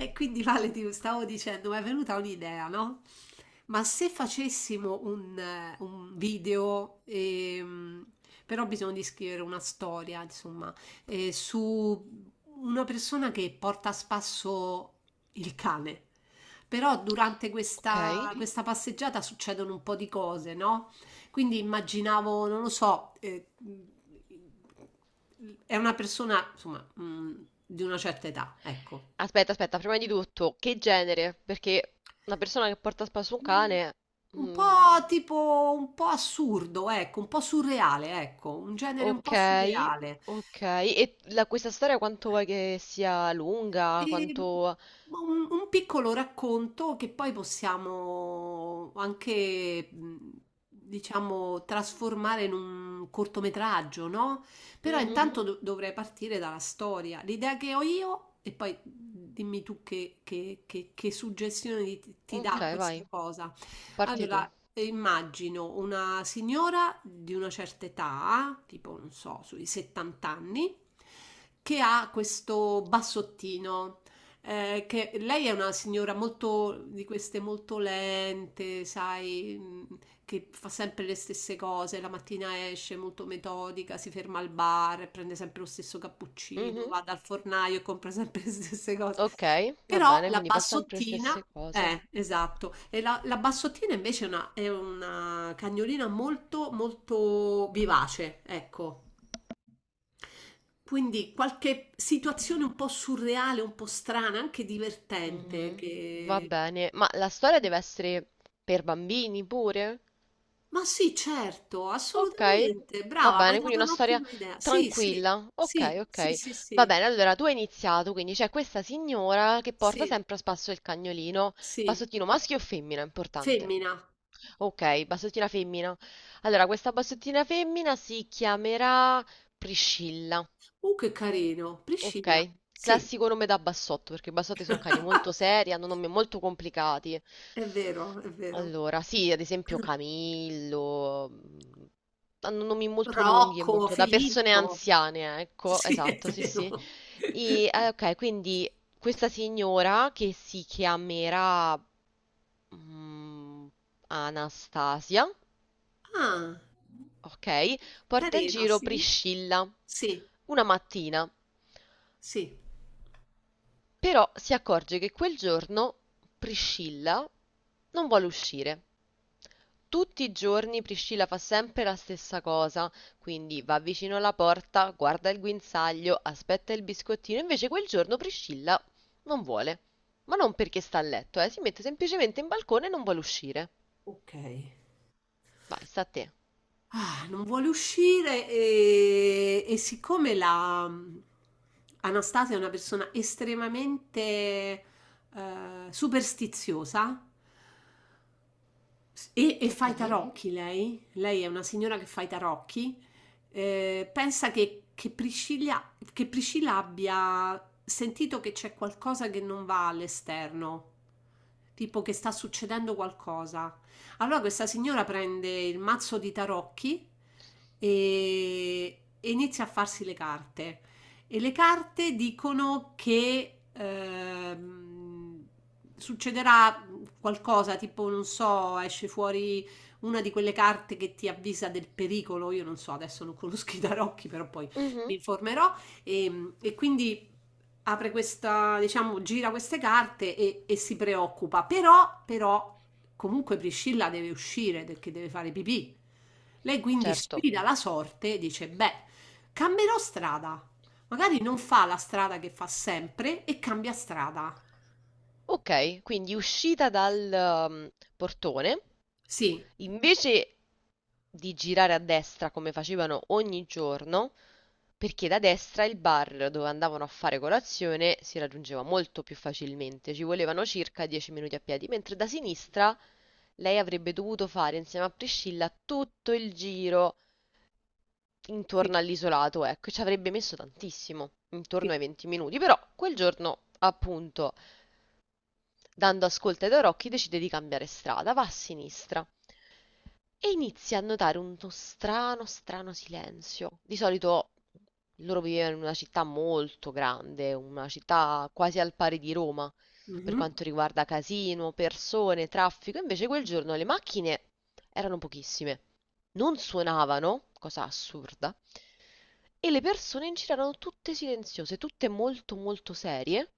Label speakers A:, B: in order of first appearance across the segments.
A: E quindi Vale, ti stavo dicendo, mi è venuta un'idea, no? Ma se facessimo un video, però bisogna di scrivere una storia, insomma, su una persona che porta a spasso il cane. Però durante
B: Ok.
A: questa passeggiata succedono un po' di cose, no? Quindi immaginavo, non lo so, è una persona, insomma, di una certa età, ecco.
B: Aspetta, aspetta, prima di tutto, che genere? Perché una persona che porta a spasso un cane...
A: Un
B: mm,
A: po' tipo un po' assurdo, ecco, un po' surreale, ecco, un genere un
B: ok,
A: po' surreale.
B: ok. E questa storia quanto vuoi che sia lunga?
A: Ehm,
B: Quanto...
A: ma un piccolo racconto che poi possiamo anche, diciamo, trasformare in un cortometraggio, no? Però
B: Mhm.
A: intanto mhm, dovrei partire dalla storia, l'idea che ho io, e poi dimmi tu che, che suggestione ti, ti
B: Ok,
A: dà questa
B: vai,
A: cosa.
B: parti tu.
A: Allora, immagino una signora di una certa età, tipo, non so, sui 70 anni, che ha questo bassottino. Eh, che lei è una signora molto di queste molto lente, sai, che fa sempre le stesse cose, la mattina esce molto metodica, si ferma al bar, prende sempre lo stesso cappuccino,
B: Mhm.
A: va dal fornaio e compra sempre le stesse cose.
B: Ok, va
A: Però
B: bene,
A: la
B: quindi fa sempre le
A: bassottina,
B: stesse cose.
A: esatto, e la bassottina invece è una cagnolina molto, molto vivace, ecco. Quindi qualche situazione un po' surreale, un po' strana, anche divertente, mm,
B: Mhm. Va
A: che
B: bene, ma la storia deve essere per bambini pure?
A: ma sì, certo,
B: Ok,
A: assolutamente.
B: va
A: Brava, mi hai
B: bene, quindi
A: dato
B: una storia
A: un'ottima idea. Sì, sì,
B: tranquilla.
A: sì,
B: Ok,
A: sì,
B: ok.
A: sì,
B: Va
A: sì,
B: bene, allora tu hai iniziato, quindi c'è questa signora che porta
A: sì,
B: sempre a spasso il cagnolino.
A: sì.
B: Bassottino maschio o femmina? Importante.
A: Femmina.
B: Ok, bassottina femmina. Allora, questa bassottina femmina si chiamerà Priscilla.
A: Che carino.
B: Ok,
A: Priscilla. Sì.
B: classico nome da bassotto, perché i bassotti sono cani molto seri, hanno nomi molto complicati.
A: È vero, è vero.
B: Allora, sì, ad esempio Camillo, hanno nomi molto lunghi e
A: Rocco,
B: molto da persone
A: Filippo.
B: anziane, ecco,
A: Sì, è
B: esatto, sì, sì.
A: vero.
B: Ok, quindi questa signora che si chiamerà mm, Anastasia,
A: Ah,
B: ok, porta in
A: carino,
B: giro
A: sì.
B: Priscilla
A: Sì,
B: una mattina,
A: sì.
B: però si accorge che quel giorno Priscilla non vuole uscire. Tutti i giorni Priscilla fa sempre la stessa cosa, quindi va vicino alla porta, guarda il guinzaglio, aspetta il biscottino, invece quel giorno Priscilla non vuole. Ma non perché sta a letto, si mette semplicemente in balcone e non vuole uscire.
A: Ok.
B: Vai, sta a te.
A: Ah, non vuole uscire e siccome la Anastasia è una persona estremamente superstiziosa, e fa
B: Ok.
A: i tarocchi lei? Lei è una signora che fa i tarocchi. Pensa che, che Priscilla abbia sentito che c'è qualcosa che non va all'esterno, tipo che sta succedendo qualcosa. Allora questa signora prende il mazzo di tarocchi e inizia a farsi le carte. E le carte dicono che succederà qualcosa tipo, non so, esce fuori una di quelle carte che ti avvisa del pericolo. Io non so, adesso non conosco i tarocchi, però poi mi
B: Mhm,
A: informerò. E quindi apre questa, diciamo, gira queste carte e si preoccupa. Però, comunque Priscilla deve uscire perché deve fare pipì. Lei quindi
B: certo.
A: sfida la sorte e dice: beh, cambierò strada. Magari non fa la strada che fa sempre e cambia strada.
B: Ok, quindi uscita dal um, portone,
A: Sì,
B: invece di girare a destra come facevano ogni giorno, perché da destra il bar dove andavano a fare colazione si raggiungeva molto più facilmente, ci volevano circa 10 minuti a piedi, mentre da sinistra lei avrebbe dovuto fare insieme a Priscilla tutto il giro
A: sì,
B: intorno all'isolato, ecco, e ci avrebbe messo tantissimo,
A: sì.
B: intorno ai 20 minuti. Però quel giorno, appunto, dando ascolto ai Dorocchi, decide di cambiare strada, va a sinistra. E inizia a notare uno strano, strano silenzio. Di solito loro vivevano in una città molto grande, una città quasi al pari di Roma, per
A: Mhm,
B: quanto riguarda casino, persone, traffico. Invece quel giorno le macchine erano pochissime, non suonavano, cosa assurda, e le persone in giro erano tutte silenziose, tutte molto molto serie,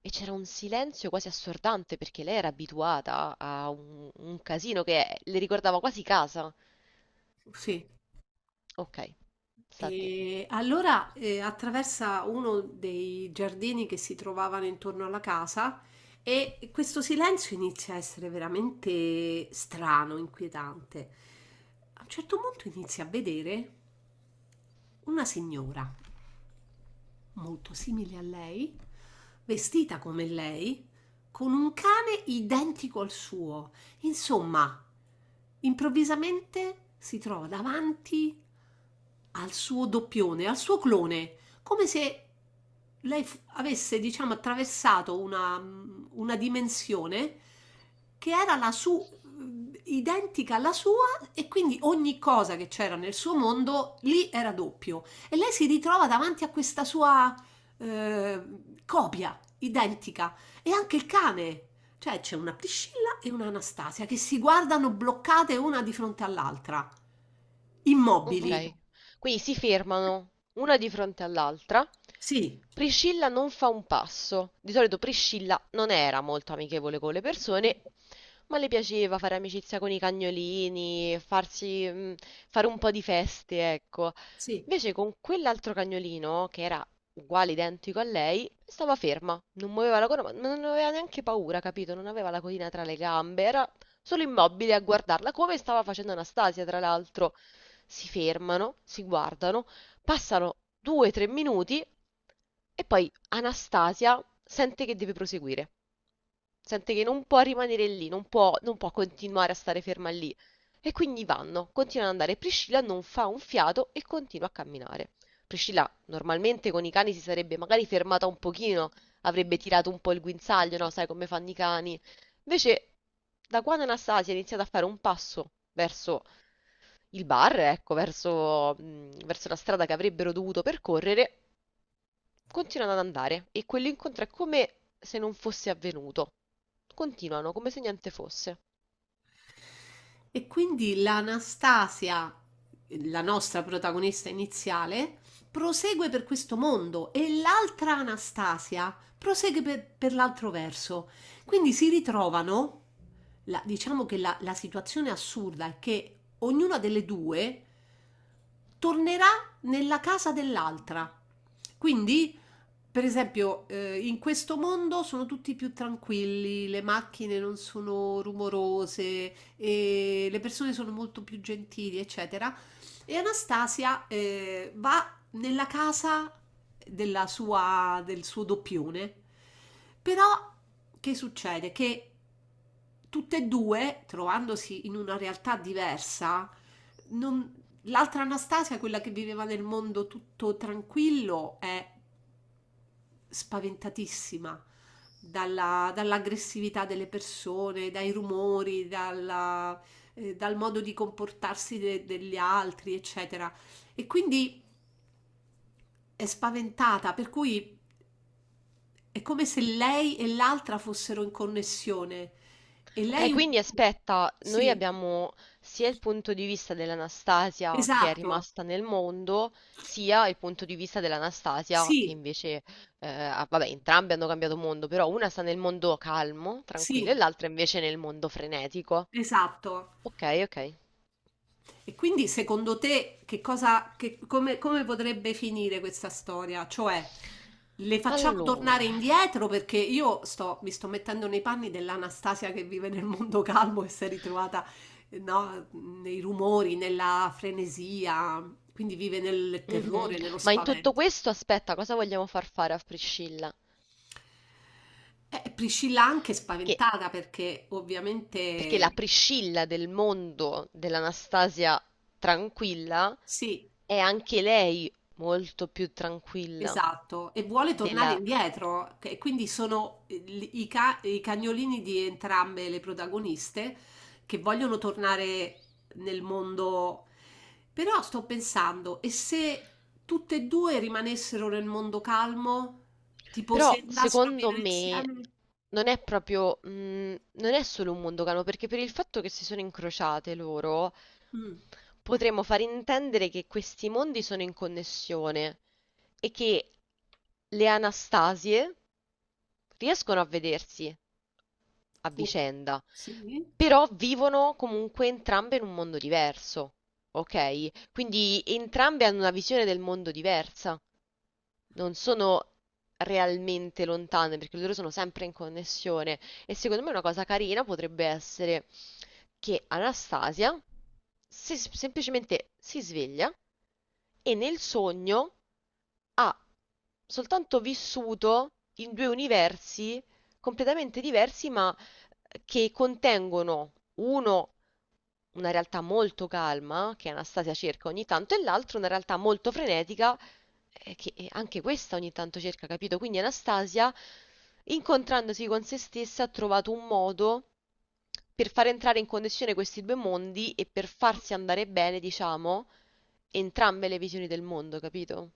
B: e c'era un silenzio quasi assordante perché lei era abituata a un casino che le ricordava quasi casa.
A: sì,
B: Ok, sta a te.
A: e allora attraversa uno dei giardini che si trovavano intorno alla casa e questo silenzio inizia a essere veramente strano, inquietante. A un certo punto inizia a vedere una signora molto simile a lei, vestita come lei, con un cane identico al suo. Insomma, improvvisamente si trova davanti al suo doppione, al suo clone, come se lei avesse, diciamo, attraversato una, una dimensione che era identica alla sua e quindi ogni cosa che c'era nel suo mondo lì era doppio. E lei si ritrova davanti a questa sua eh, copia identica e anche il cane. Cioè c'è una Priscilla e una Anastasia che si guardano bloccate una di fronte all'altra, immobili. Ok.
B: Ok. Quindi si fermano una di fronte all'altra.
A: Sì,
B: Priscilla non fa un passo. Di solito Priscilla non era molto amichevole con le persone. Ma le piaceva fare amicizia con i cagnolini, farsi, fare un po' di feste, ecco.
A: sì.
B: Invece con quell'altro cagnolino, che era uguale, identico a lei, stava ferma, non muoveva la coda, ma non aveva neanche paura, capito? Non aveva la codina tra le gambe, era solo immobile a guardarla, come stava facendo Anastasia, tra l'altro. Si fermano, si guardano, passano 2-3 minuti e poi Anastasia sente che deve proseguire. Sente che non può rimanere lì, non può, non può continuare a stare ferma lì. E quindi vanno, continuano ad andare. Priscilla non fa un fiato e continua a camminare. Priscilla normalmente con i cani si sarebbe magari fermata un pochino, avrebbe tirato un po' il guinzaglio, no? Sai come fanno i cani. Invece, da quando Anastasia ha iniziato a fare un passo verso il bar, ecco, verso la strada che avrebbero dovuto percorrere, continuano ad andare e quell'incontro è come se non fosse avvenuto. Continuano come se niente fosse.
A: E quindi l'Anastasia, la nostra protagonista iniziale, prosegue per questo mondo e l'altra Anastasia prosegue per l'altro verso. Quindi si ritrovano, la- diciamo che la situazione assurda è che ognuna delle due tornerà nella casa dell'altra. Quindi, per esempio, in questo mondo sono tutti più tranquilli, le macchine non sono rumorose, e le persone sono molto più gentili, eccetera. E Anastasia va nella casa della sua, del suo doppione, però che succede? Che tutte e due, trovandosi in una realtà diversa, non- l'altra Anastasia, quella che viveva nel mondo tutto tranquillo, è spaventatissima dall'aggressività delle persone, dai rumori, dal modo di comportarsi degli altri, eccetera. E quindi è spaventata, per cui è come se lei e l'altra fossero in connessione. E
B: Ok,
A: lei... un-
B: quindi aspetta, noi
A: Sì,
B: abbiamo sia il punto di vista dell'Anastasia che è
A: esatto,
B: rimasta nel mondo, sia il punto di vista dell'Anastasia che
A: sì,
B: invece, vabbè, entrambe hanno cambiato mondo, però una sta nel mondo calmo, tranquillo, e
A: sì,
B: l'altra invece nel mondo frenetico.
A: esatto.
B: Ok, ok.
A: E quindi secondo te che cosa, che- come, come potrebbe finire questa storia? Cioè, le facciamo
B: Allora,
A: tornare indietro perché io mi sto mettendo nei panni dell'Anastasia che vive nel mondo calmo e si è ritrovata, no, nei rumori, nella frenesia, quindi vive nel
B: mhm.
A: terrore, nello
B: Ma in tutto
A: spavento.
B: questo, aspetta, cosa vogliamo far fare a Priscilla?
A: Priscilla anche
B: Perché,
A: spaventata perché
B: perché la
A: ovviamente
B: Priscilla del mondo dell'Anastasia tranquilla
A: sì,
B: è anche lei molto più tranquilla
A: esatto, e vuole tornare
B: della...
A: indietro, che- e quindi sono i, i cagnolini di entrambe le protagoniste che vogliono tornare nel mondo. Però sto pensando, e se tutte e due rimanessero nel mondo calmo? Tipo se
B: Però,
A: andassero a
B: secondo
A: vivere
B: me,
A: insieme?
B: non è proprio, non è solo un mondo cano, perché per il fatto che si sono incrociate loro,
A: Mm.
B: potremmo far intendere che questi mondi sono in connessione e che le Anastasie riescono a vedersi a
A: Ok,
B: vicenda,
A: sì.
B: però vivono comunque entrambe in un mondo diverso, ok? Quindi entrambe hanno una visione del mondo diversa, non sono realmente lontane perché loro sono sempre in connessione e secondo me una cosa carina potrebbe essere che Anastasia semplicemente si sveglia e nel sogno ha soltanto vissuto in due universi completamente diversi, ma che contengono uno una realtà molto calma, che Anastasia cerca ogni tanto, e l'altro una realtà molto frenetica, che anche questa ogni tanto cerca, capito? Quindi Anastasia, incontrandosi con se stessa, ha trovato un modo per far entrare in connessione questi due mondi e per farsi andare bene, diciamo, entrambe le visioni del mondo, capito?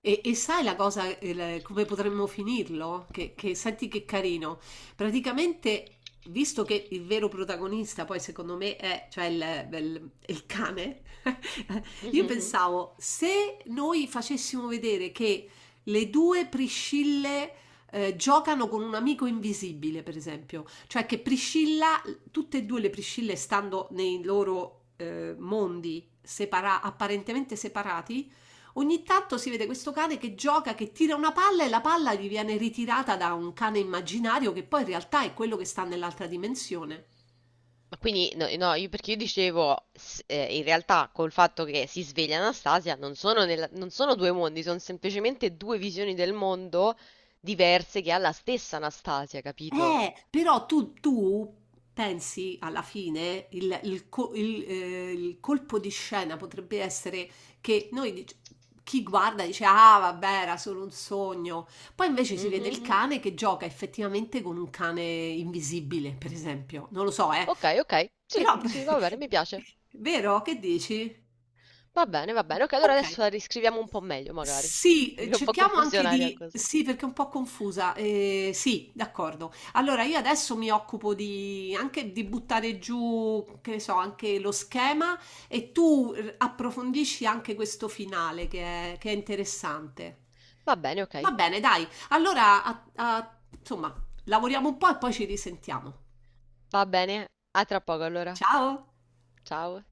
A: E sai la cosa, la- come potremmo finirlo? Che- senti che carino. Praticamente, visto che il vero protagonista, poi secondo me è, cioè il cane, io mhm,
B: Mhm.
A: pensavo se noi facessimo vedere che le due Priscille giocano con un amico invisibile, per esempio, cioè che Priscilla, tutte e due le Priscille stando nei loro apparentemente separati. Ogni tanto si vede questo cane che gioca, che tira una palla e la palla gli viene ritirata da un cane immaginario che poi in realtà è quello che sta nell'altra dimensione.
B: Ma quindi, no, no, io perché io dicevo, in realtà col fatto che si sveglia Anastasia, non sono, non sono due mondi, sono semplicemente due visioni del mondo diverse che ha la stessa Anastasia, capito?
A: Però tu pensi alla fine, il colpo di scena potrebbe essere che noi, dic- chi guarda dice, ah vabbè, era solo un sogno. Poi invece si vede il
B: Mhm.
A: mhm, cane che gioca effettivamente con un cane invisibile, per esempio. Non lo so, eh.
B: Ok, ok, sì,
A: Però,
B: sì, va bene, mi piace.
A: vero? Che dici?
B: Va bene, ok, allora
A: Okay.
B: adesso la riscriviamo un po' meglio magari,
A: Sì,
B: perché è un po'
A: cerchiamo anche
B: confusionaria
A: di
B: così.
A: sì, perché è un po' confusa. Sì, d'accordo. Allora io adesso mi occupo di anche di buttare giù, che ne so, anche lo schema e tu r approfondisci anche questo finale che è interessante.
B: Va bene, ok,
A: Va bene, dai. Allora a a insomma, lavoriamo un po' e poi ci risentiamo.
B: va bene, a tra poco allora.
A: Ciao.
B: Ciao.